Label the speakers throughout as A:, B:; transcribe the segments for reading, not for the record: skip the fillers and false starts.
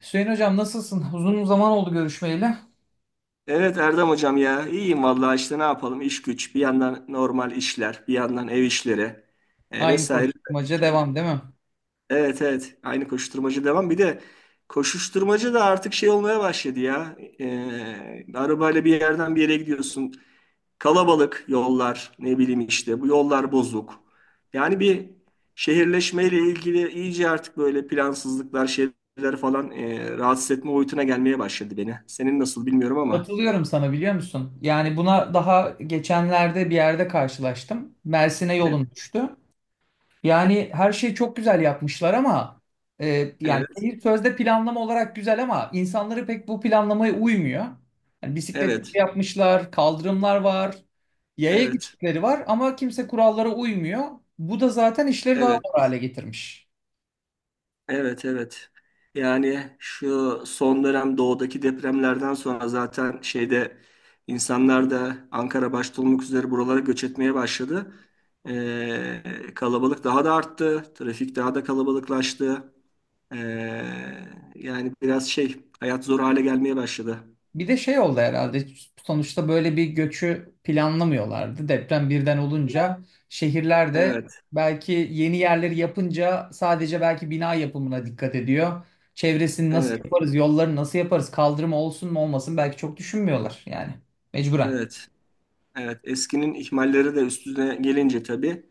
A: Hüseyin hocam nasılsın? Uzun zaman oldu görüşmeyeli.
B: Evet Erdem hocam ya iyiyim vallahi işte ne yapalım, iş güç, bir yandan normal işler, bir yandan ev işleri
A: Aynı
B: vesaire.
A: koşturmaca devam değil mi?
B: Evet evet, aynı koşuşturmacı devam. Bir de koşuşturmacı da artık şey olmaya başladı ya. Arabayla bir yerden bir yere gidiyorsun, kalabalık yollar, ne bileyim işte bu yollar bozuk. Yani şehirleşmeyle ilgili iyice artık böyle plansızlıklar, şeyler falan rahatsız etme boyutuna gelmeye başladı beni. Senin nasıl bilmiyorum ama.
A: Katılıyorum sana, biliyor musun? Yani buna daha geçenlerde bir yerde karşılaştım. Mersin'e yolum düştü. Yani her şeyi çok güzel yapmışlar ama yani
B: Evet.
A: şehir sözde planlama olarak güzel ama insanları pek bu planlamaya uymuyor. Yani bisiklet yolu
B: Evet,
A: yapmışlar, kaldırımlar var, yaya
B: evet,
A: geçitleri var ama kimse kurallara uymuyor. Bu da zaten işleri daha
B: evet,
A: zor hale getirmiş.
B: evet, evet. Yani şu son dönem doğudaki depremlerden sonra zaten şeyde insanlar da Ankara başta olmak üzere buralara göç etmeye başladı. Ee, Kalabalık daha da arttı, trafik daha da kalabalıklaştı. Ee, Yani biraz şey, hayat zor hale gelmeye başladı.
A: Bir de şey oldu herhalde, sonuçta böyle bir göçü planlamıyorlardı. Deprem birden olunca şehirler de
B: Evet,
A: belki yeni yerleri yapınca sadece belki bina yapımına dikkat ediyor. Çevresini nasıl
B: evet,
A: yaparız, yolları nasıl yaparız, kaldırım olsun mu olmasın belki çok düşünmüyorlar yani mecburen.
B: evet. Evet, eskinin ihmalleri de üstüne gelince tabii.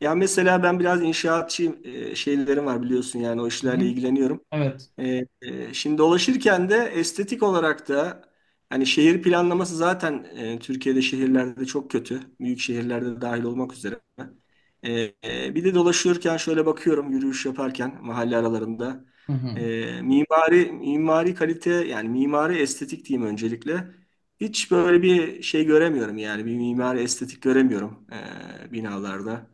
B: Ya mesela ben biraz inşaatçı şeylerim var biliyorsun, yani o
A: Hı
B: işlerle
A: hı.
B: ilgileniyorum.
A: Evet.
B: Şimdi dolaşırken de estetik olarak da hani şehir planlaması zaten Türkiye'de şehirlerde çok kötü. Büyük şehirlerde dahil olmak üzere. E, Bir de dolaşırken şöyle bakıyorum, yürüyüş yaparken mahalle aralarında.
A: Hı hı.
B: Mimari kalite, yani mimari estetik diyeyim öncelikle. Hiç böyle bir şey göremiyorum, yani bir mimari estetik göremiyorum binalarda.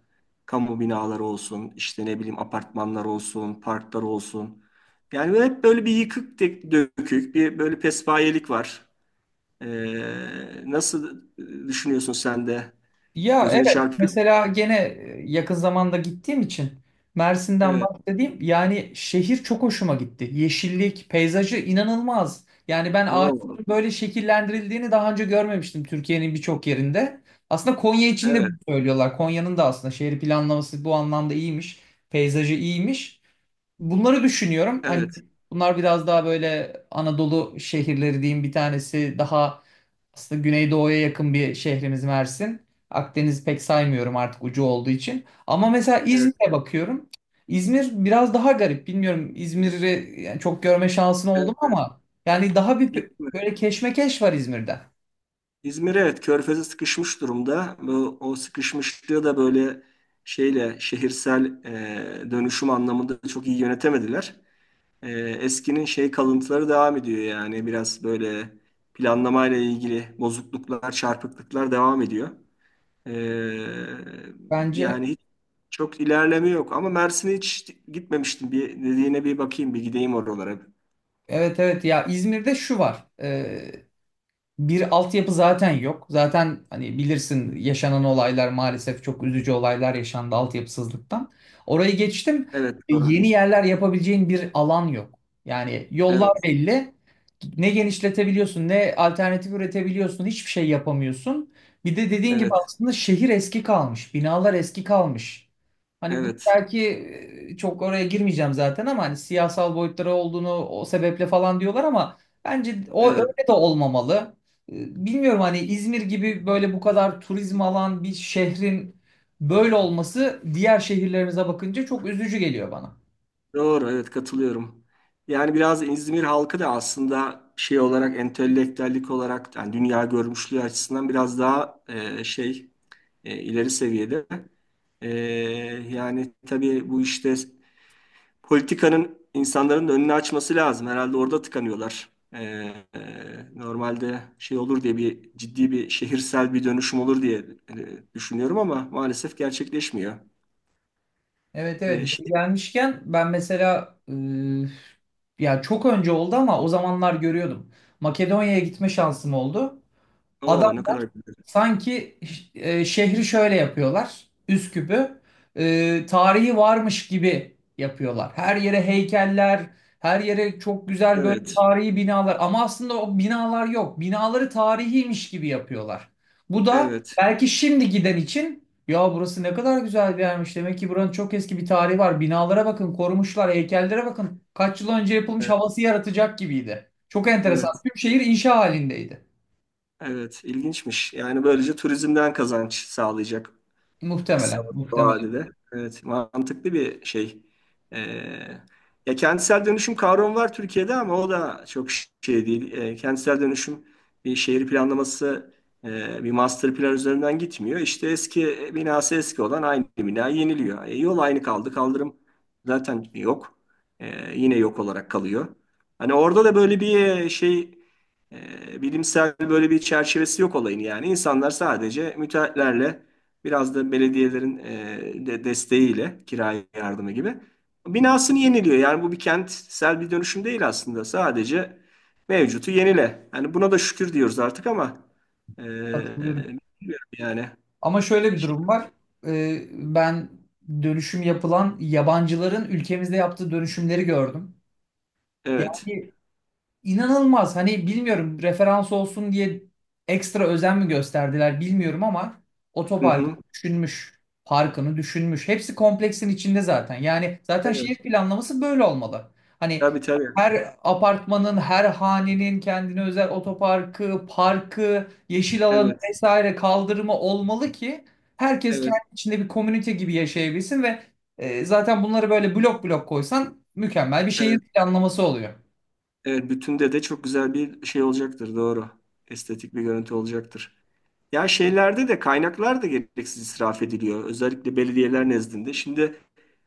B: Kamu binaları olsun, işte ne bileyim apartmanlar olsun, parklar olsun. Yani böyle hep böyle bir yıkık dökük, bir böyle pespayelik var. Nasıl düşünüyorsun sen de?
A: Ya
B: Gözünü
A: evet,
B: çarpıyor mu?
A: mesela gene yakın zamanda gittiğim için Mersin'den
B: Evet.
A: bahsedeyim. Yani şehir çok hoşuma gitti. Yeşillik, peyzajı inanılmaz. Yani ben
B: Oo,
A: ağaçların böyle şekillendirildiğini daha önce görmemiştim Türkiye'nin birçok yerinde. Aslında Konya için de
B: evet,
A: bunu söylüyorlar. Konya'nın da aslında şehir planlaması bu anlamda iyiymiş. Peyzajı iyiymiş. Bunları düşünüyorum. Hani
B: evet,
A: bunlar biraz daha böyle Anadolu şehirleri diyeyim, bir tanesi daha aslında Güneydoğu'ya yakın bir şehrimiz Mersin. Akdeniz'i pek saymıyorum artık ucu olduğu için. Ama mesela
B: evet,
A: İzmir'e bakıyorum. İzmir biraz daha garip. Bilmiyorum, İzmir'i yani çok görme şansın oldu mu
B: evet.
A: ama yani daha bir
B: Gitme.
A: böyle keşmekeş var İzmir'de.
B: İzmir evet, körfeze sıkışmış durumda. Bu, o sıkışmışlığı da böyle şeyle, şehirsel dönüşüm anlamında çok iyi yönetemediler. Eskinin şey kalıntıları devam ediyor, yani biraz böyle planlamayla ilgili bozukluklar, çarpıklıklar devam ediyor. E,
A: Bence
B: Yani hiç çok ilerleme yok, ama Mersin'e hiç gitmemiştim. Bir dediğine bir bakayım, bir gideyim oralara.
A: evet, evet, ya İzmir'de şu var. Bir altyapı zaten yok. Zaten hani bilirsin, yaşanan olaylar, maalesef çok üzücü olaylar yaşandı altyapısızlıktan. Orayı geçtim.
B: Evet
A: E,
B: doğru.
A: Yeni yerler yapabileceğin bir alan yok. Yani yollar
B: Evet,
A: belli. Ne genişletebiliyorsun, ne alternatif üretebiliyorsun, hiçbir şey yapamıyorsun. Bir de dediğin gibi
B: evet,
A: aslında şehir eski kalmış, binalar eski kalmış.
B: evet,
A: Hani bu
B: evet.
A: belki çok oraya girmeyeceğim zaten ama hani siyasal boyutları olduğunu, o sebeple falan diyorlar ama bence o
B: Evet.
A: öyle de olmamalı. Bilmiyorum, hani İzmir gibi böyle bu kadar turizm alan bir şehrin böyle olması, diğer şehirlerimize bakınca çok üzücü geliyor bana.
B: Doğru, evet katılıyorum. Yani biraz İzmir halkı da aslında şey olarak, entelektüellik olarak, yani dünya görmüşlüğü açısından biraz daha şey, ileri seviyede. E, Yani tabii bu işte politikanın insanların da önünü açması lazım. Herhalde orada tıkanıyorlar. Normalde şey olur diye, bir ciddi bir şehirsel bir dönüşüm olur diye düşünüyorum ama maalesef gerçekleşmiyor.
A: Evet, evet,
B: E,
A: yeni
B: şey,
A: gelmişken ben mesela ya çok önce oldu ama o zamanlar görüyordum. Makedonya'ya gitme şansım oldu.
B: O
A: Adam
B: ne kadar güzel.
A: sanki şehri şöyle yapıyorlar. Üsküp'ü tarihi varmış gibi yapıyorlar. Her yere heykeller, her yere çok güzel böyle
B: Evet,
A: tarihi binalar. Ama aslında o binalar yok. Binaları tarihiymiş gibi yapıyorlar. Bu da
B: evet.
A: belki şimdi giden için, ya burası ne kadar güzel bir yermiş. Demek ki buranın çok eski bir tarihi var. Binalara bakın, korumuşlar, heykellere bakın. Kaç yıl önce yapılmış
B: E,
A: havası yaratacak gibiydi. Çok enteresan.
B: Evet,
A: Tüm şehir inşa halindeydi.
B: evet ilginçmiş. Yani böylece turizmden kazanç sağlayacak. Kısa
A: Muhtemelen, muhtemelen.
B: vadede. Evet, mantıklı bir şey. Ee, Ya kentsel dönüşüm kavramı var Türkiye'de, ama o da çok şey değil. Kentsel dönüşüm şehir planlaması, bir master plan üzerinden gitmiyor. İşte eski binası eski olan aynı bina yeniliyor. E, yol aynı kaldı, kaldırım zaten yok. Yine yok olarak kalıyor. Hani orada da böyle bir e, şey e, bilimsel böyle bir çerçevesi yok olayın, yani. İnsanlar sadece müteahhitlerle, biraz da belediyelerin de desteğiyle, kira yardımı gibi, binasını yeniliyor. Yani bu bir kentsel bir dönüşüm değil aslında. Sadece mevcutu yenile. Yani buna da şükür diyoruz artık, ama e,
A: Katılıyorum.
B: bilmiyorum yani.
A: Ama şöyle bir
B: Şey,
A: durum var. Ben dönüşüm yapılan yabancıların ülkemizde yaptığı dönüşümleri gördüm.
B: evet.
A: Yani İnanılmaz. Hani bilmiyorum, referans olsun diye ekstra özen mi gösterdiler bilmiyorum ama
B: Hı
A: otoparkını
B: hı.
A: düşünmüş, parkını düşünmüş. Hepsi kompleksin içinde zaten. Yani zaten
B: Evet.
A: şehir planlaması böyle olmalı. Hani
B: Tabii tabii.
A: her apartmanın, her hanenin kendine özel otoparkı, parkı, yeşil alanı
B: Evet.
A: vesaire kaldırımı olmalı ki herkes kendi
B: Evet.
A: içinde bir komünite gibi yaşayabilsin ve zaten bunları böyle blok blok koysan mükemmel bir şehir
B: Evet.
A: planlaması oluyor.
B: Evet. Bütünde de çok güzel bir şey olacaktır. Doğru. Estetik bir görüntü olacaktır. Ya şeylerde de kaynaklar da gereksiz israf ediliyor. Özellikle belediyeler nezdinde. Şimdi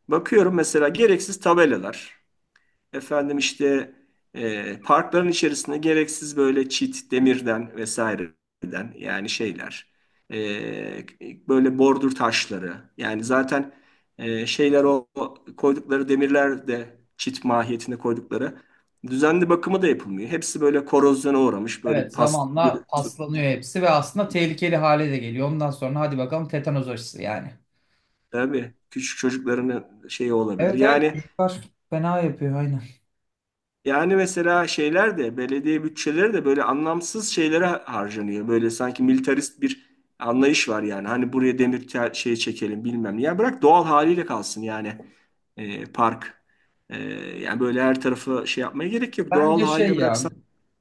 B: bakıyorum mesela, gereksiz tabelalar. Efendim işte, parkların içerisinde gereksiz böyle çit, demirden vesaireden, yani şeyler. E, Böyle bordür taşları. Yani zaten şeyler, o koydukları demirler de çit mahiyetinde koydukları. Düzenli bakımı da yapılmıyor. Hepsi böyle korozyona uğramış. Böyle
A: Evet,
B: pas,
A: zamanla paslanıyor hepsi ve aslında tehlikeli hale de geliyor. Ondan sonra hadi bakalım tetanoz aşısı yani.
B: tabii küçük çocukların şeyi olabilir.
A: Evet, evet,
B: Yani,
A: çocuklar fena yapıyor, aynen.
B: yani mesela şeyler de belediye bütçeleri de böyle anlamsız şeylere harcanıyor. Böyle sanki militarist bir anlayış var yani. Hani buraya demir şey çekelim bilmem ne. Ya bırak doğal haliyle kalsın, yani park. E, Yani böyle her tarafı şey yapmaya gerek yok. Doğal
A: Bence şey
B: haliyle
A: ya,
B: bıraksan.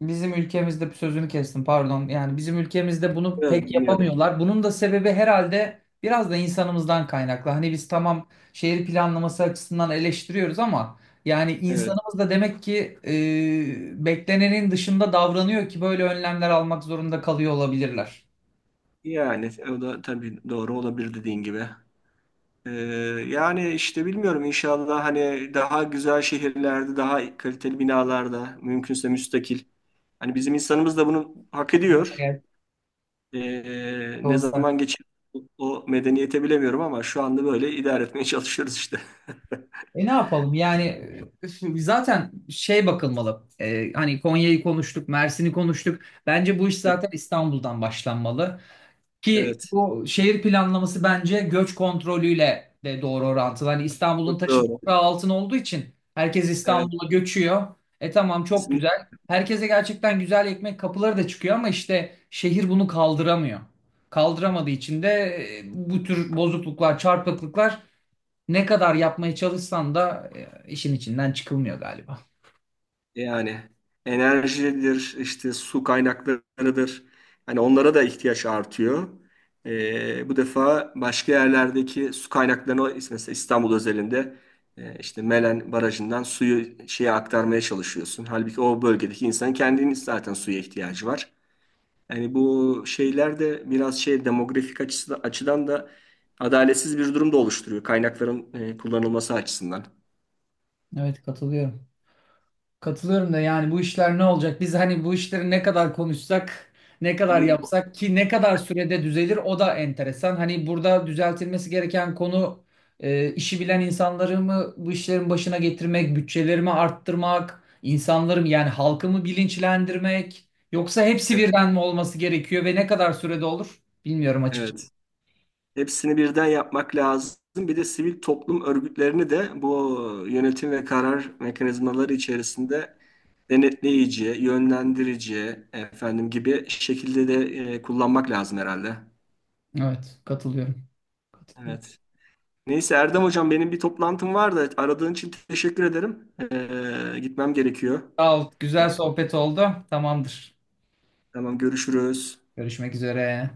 A: bizim ülkemizde sözünü kestim, pardon. Yani bizim ülkemizde bunu
B: Evet,
A: pek
B: dinliyorum.
A: yapamıyorlar. Bunun da sebebi herhalde biraz da insanımızdan kaynaklı. Hani biz tamam şehir planlaması açısından eleştiriyoruz ama yani
B: Evet.
A: insanımız da demek ki beklenenin dışında davranıyor ki böyle önlemler almak zorunda kalıyor olabilirler.
B: Yani o da tabii doğru olabilir, dediğin gibi. Ee, Yani işte bilmiyorum, inşallah hani daha güzel şehirlerde, daha kaliteli binalarda, mümkünse müstakil. Hani bizim insanımız da bunu hak ediyor.
A: Evet,
B: Ne
A: olsa.
B: zaman geçer o medeniyete bilemiyorum, ama şu anda böyle idare etmeye çalışıyoruz işte.
A: E ne yapalım yani, zaten şey bakılmalı. Hani Konya'yı konuştuk, Mersin'i konuştuk, bence bu iş zaten İstanbul'dan başlanmalı. Ki
B: Evet,
A: bu şehir planlaması bence göç kontrolüyle de doğru orantılı. Hani İstanbul'un
B: çok
A: taşı
B: doğru.
A: toprağı altın olduğu için herkes
B: Evet,
A: İstanbul'a göçüyor. E tamam, çok
B: kesinlikle.
A: güzel. Herkese gerçekten güzel ekmek kapıları da çıkıyor ama işte şehir bunu kaldıramıyor. Kaldıramadığı için de bu tür bozukluklar, çarpıklıklar ne kadar yapmaya çalışsan da işin içinden çıkılmıyor galiba.
B: Yani enerjidir, işte su kaynaklarıdır. Hani onlara da ihtiyaç artıyor. Bu defa başka yerlerdeki su kaynaklarını, mesela İstanbul özelinde, işte Melen Barajı'ndan suyu şeye aktarmaya çalışıyorsun. Halbuki o bölgedeki insanın kendinin zaten suya ihtiyacı var. Yani bu şeyler de biraz şey demografik açıdan da adaletsiz bir durum da oluşturuyor, kaynakların kullanılması açısından.
A: Evet, katılıyorum. Katılıyorum da yani bu işler ne olacak? Biz hani bu işleri ne kadar konuşsak, ne kadar
B: Evet.
A: yapsak ki ne kadar sürede düzelir, o da enteresan. Hani burada düzeltilmesi gereken konu işi bilen insanları mı bu işlerin başına getirmek, bütçelerimi arttırmak, insanları mı yani halkımı bilinçlendirmek yoksa hepsi birden mi olması gerekiyor ve ne kadar sürede olur bilmiyorum açıkçası.
B: Evet. Hepsini birden yapmak lazım. Bir de sivil toplum örgütlerini de bu yönetim ve karar mekanizmaları içerisinde denetleyici, yönlendirici, efendim gibi şekilde de kullanmak lazım herhalde.
A: Evet, katılıyorum. Katılıyorum.
B: Evet. Neyse Erdem hocam, benim bir toplantım var da, aradığın için teşekkür ederim. Gitmem gerekiyor.
A: Sağ ol.
B: E,
A: Güzel sohbet oldu. Tamamdır.
B: Tamam, görüşürüz.
A: Görüşmek üzere.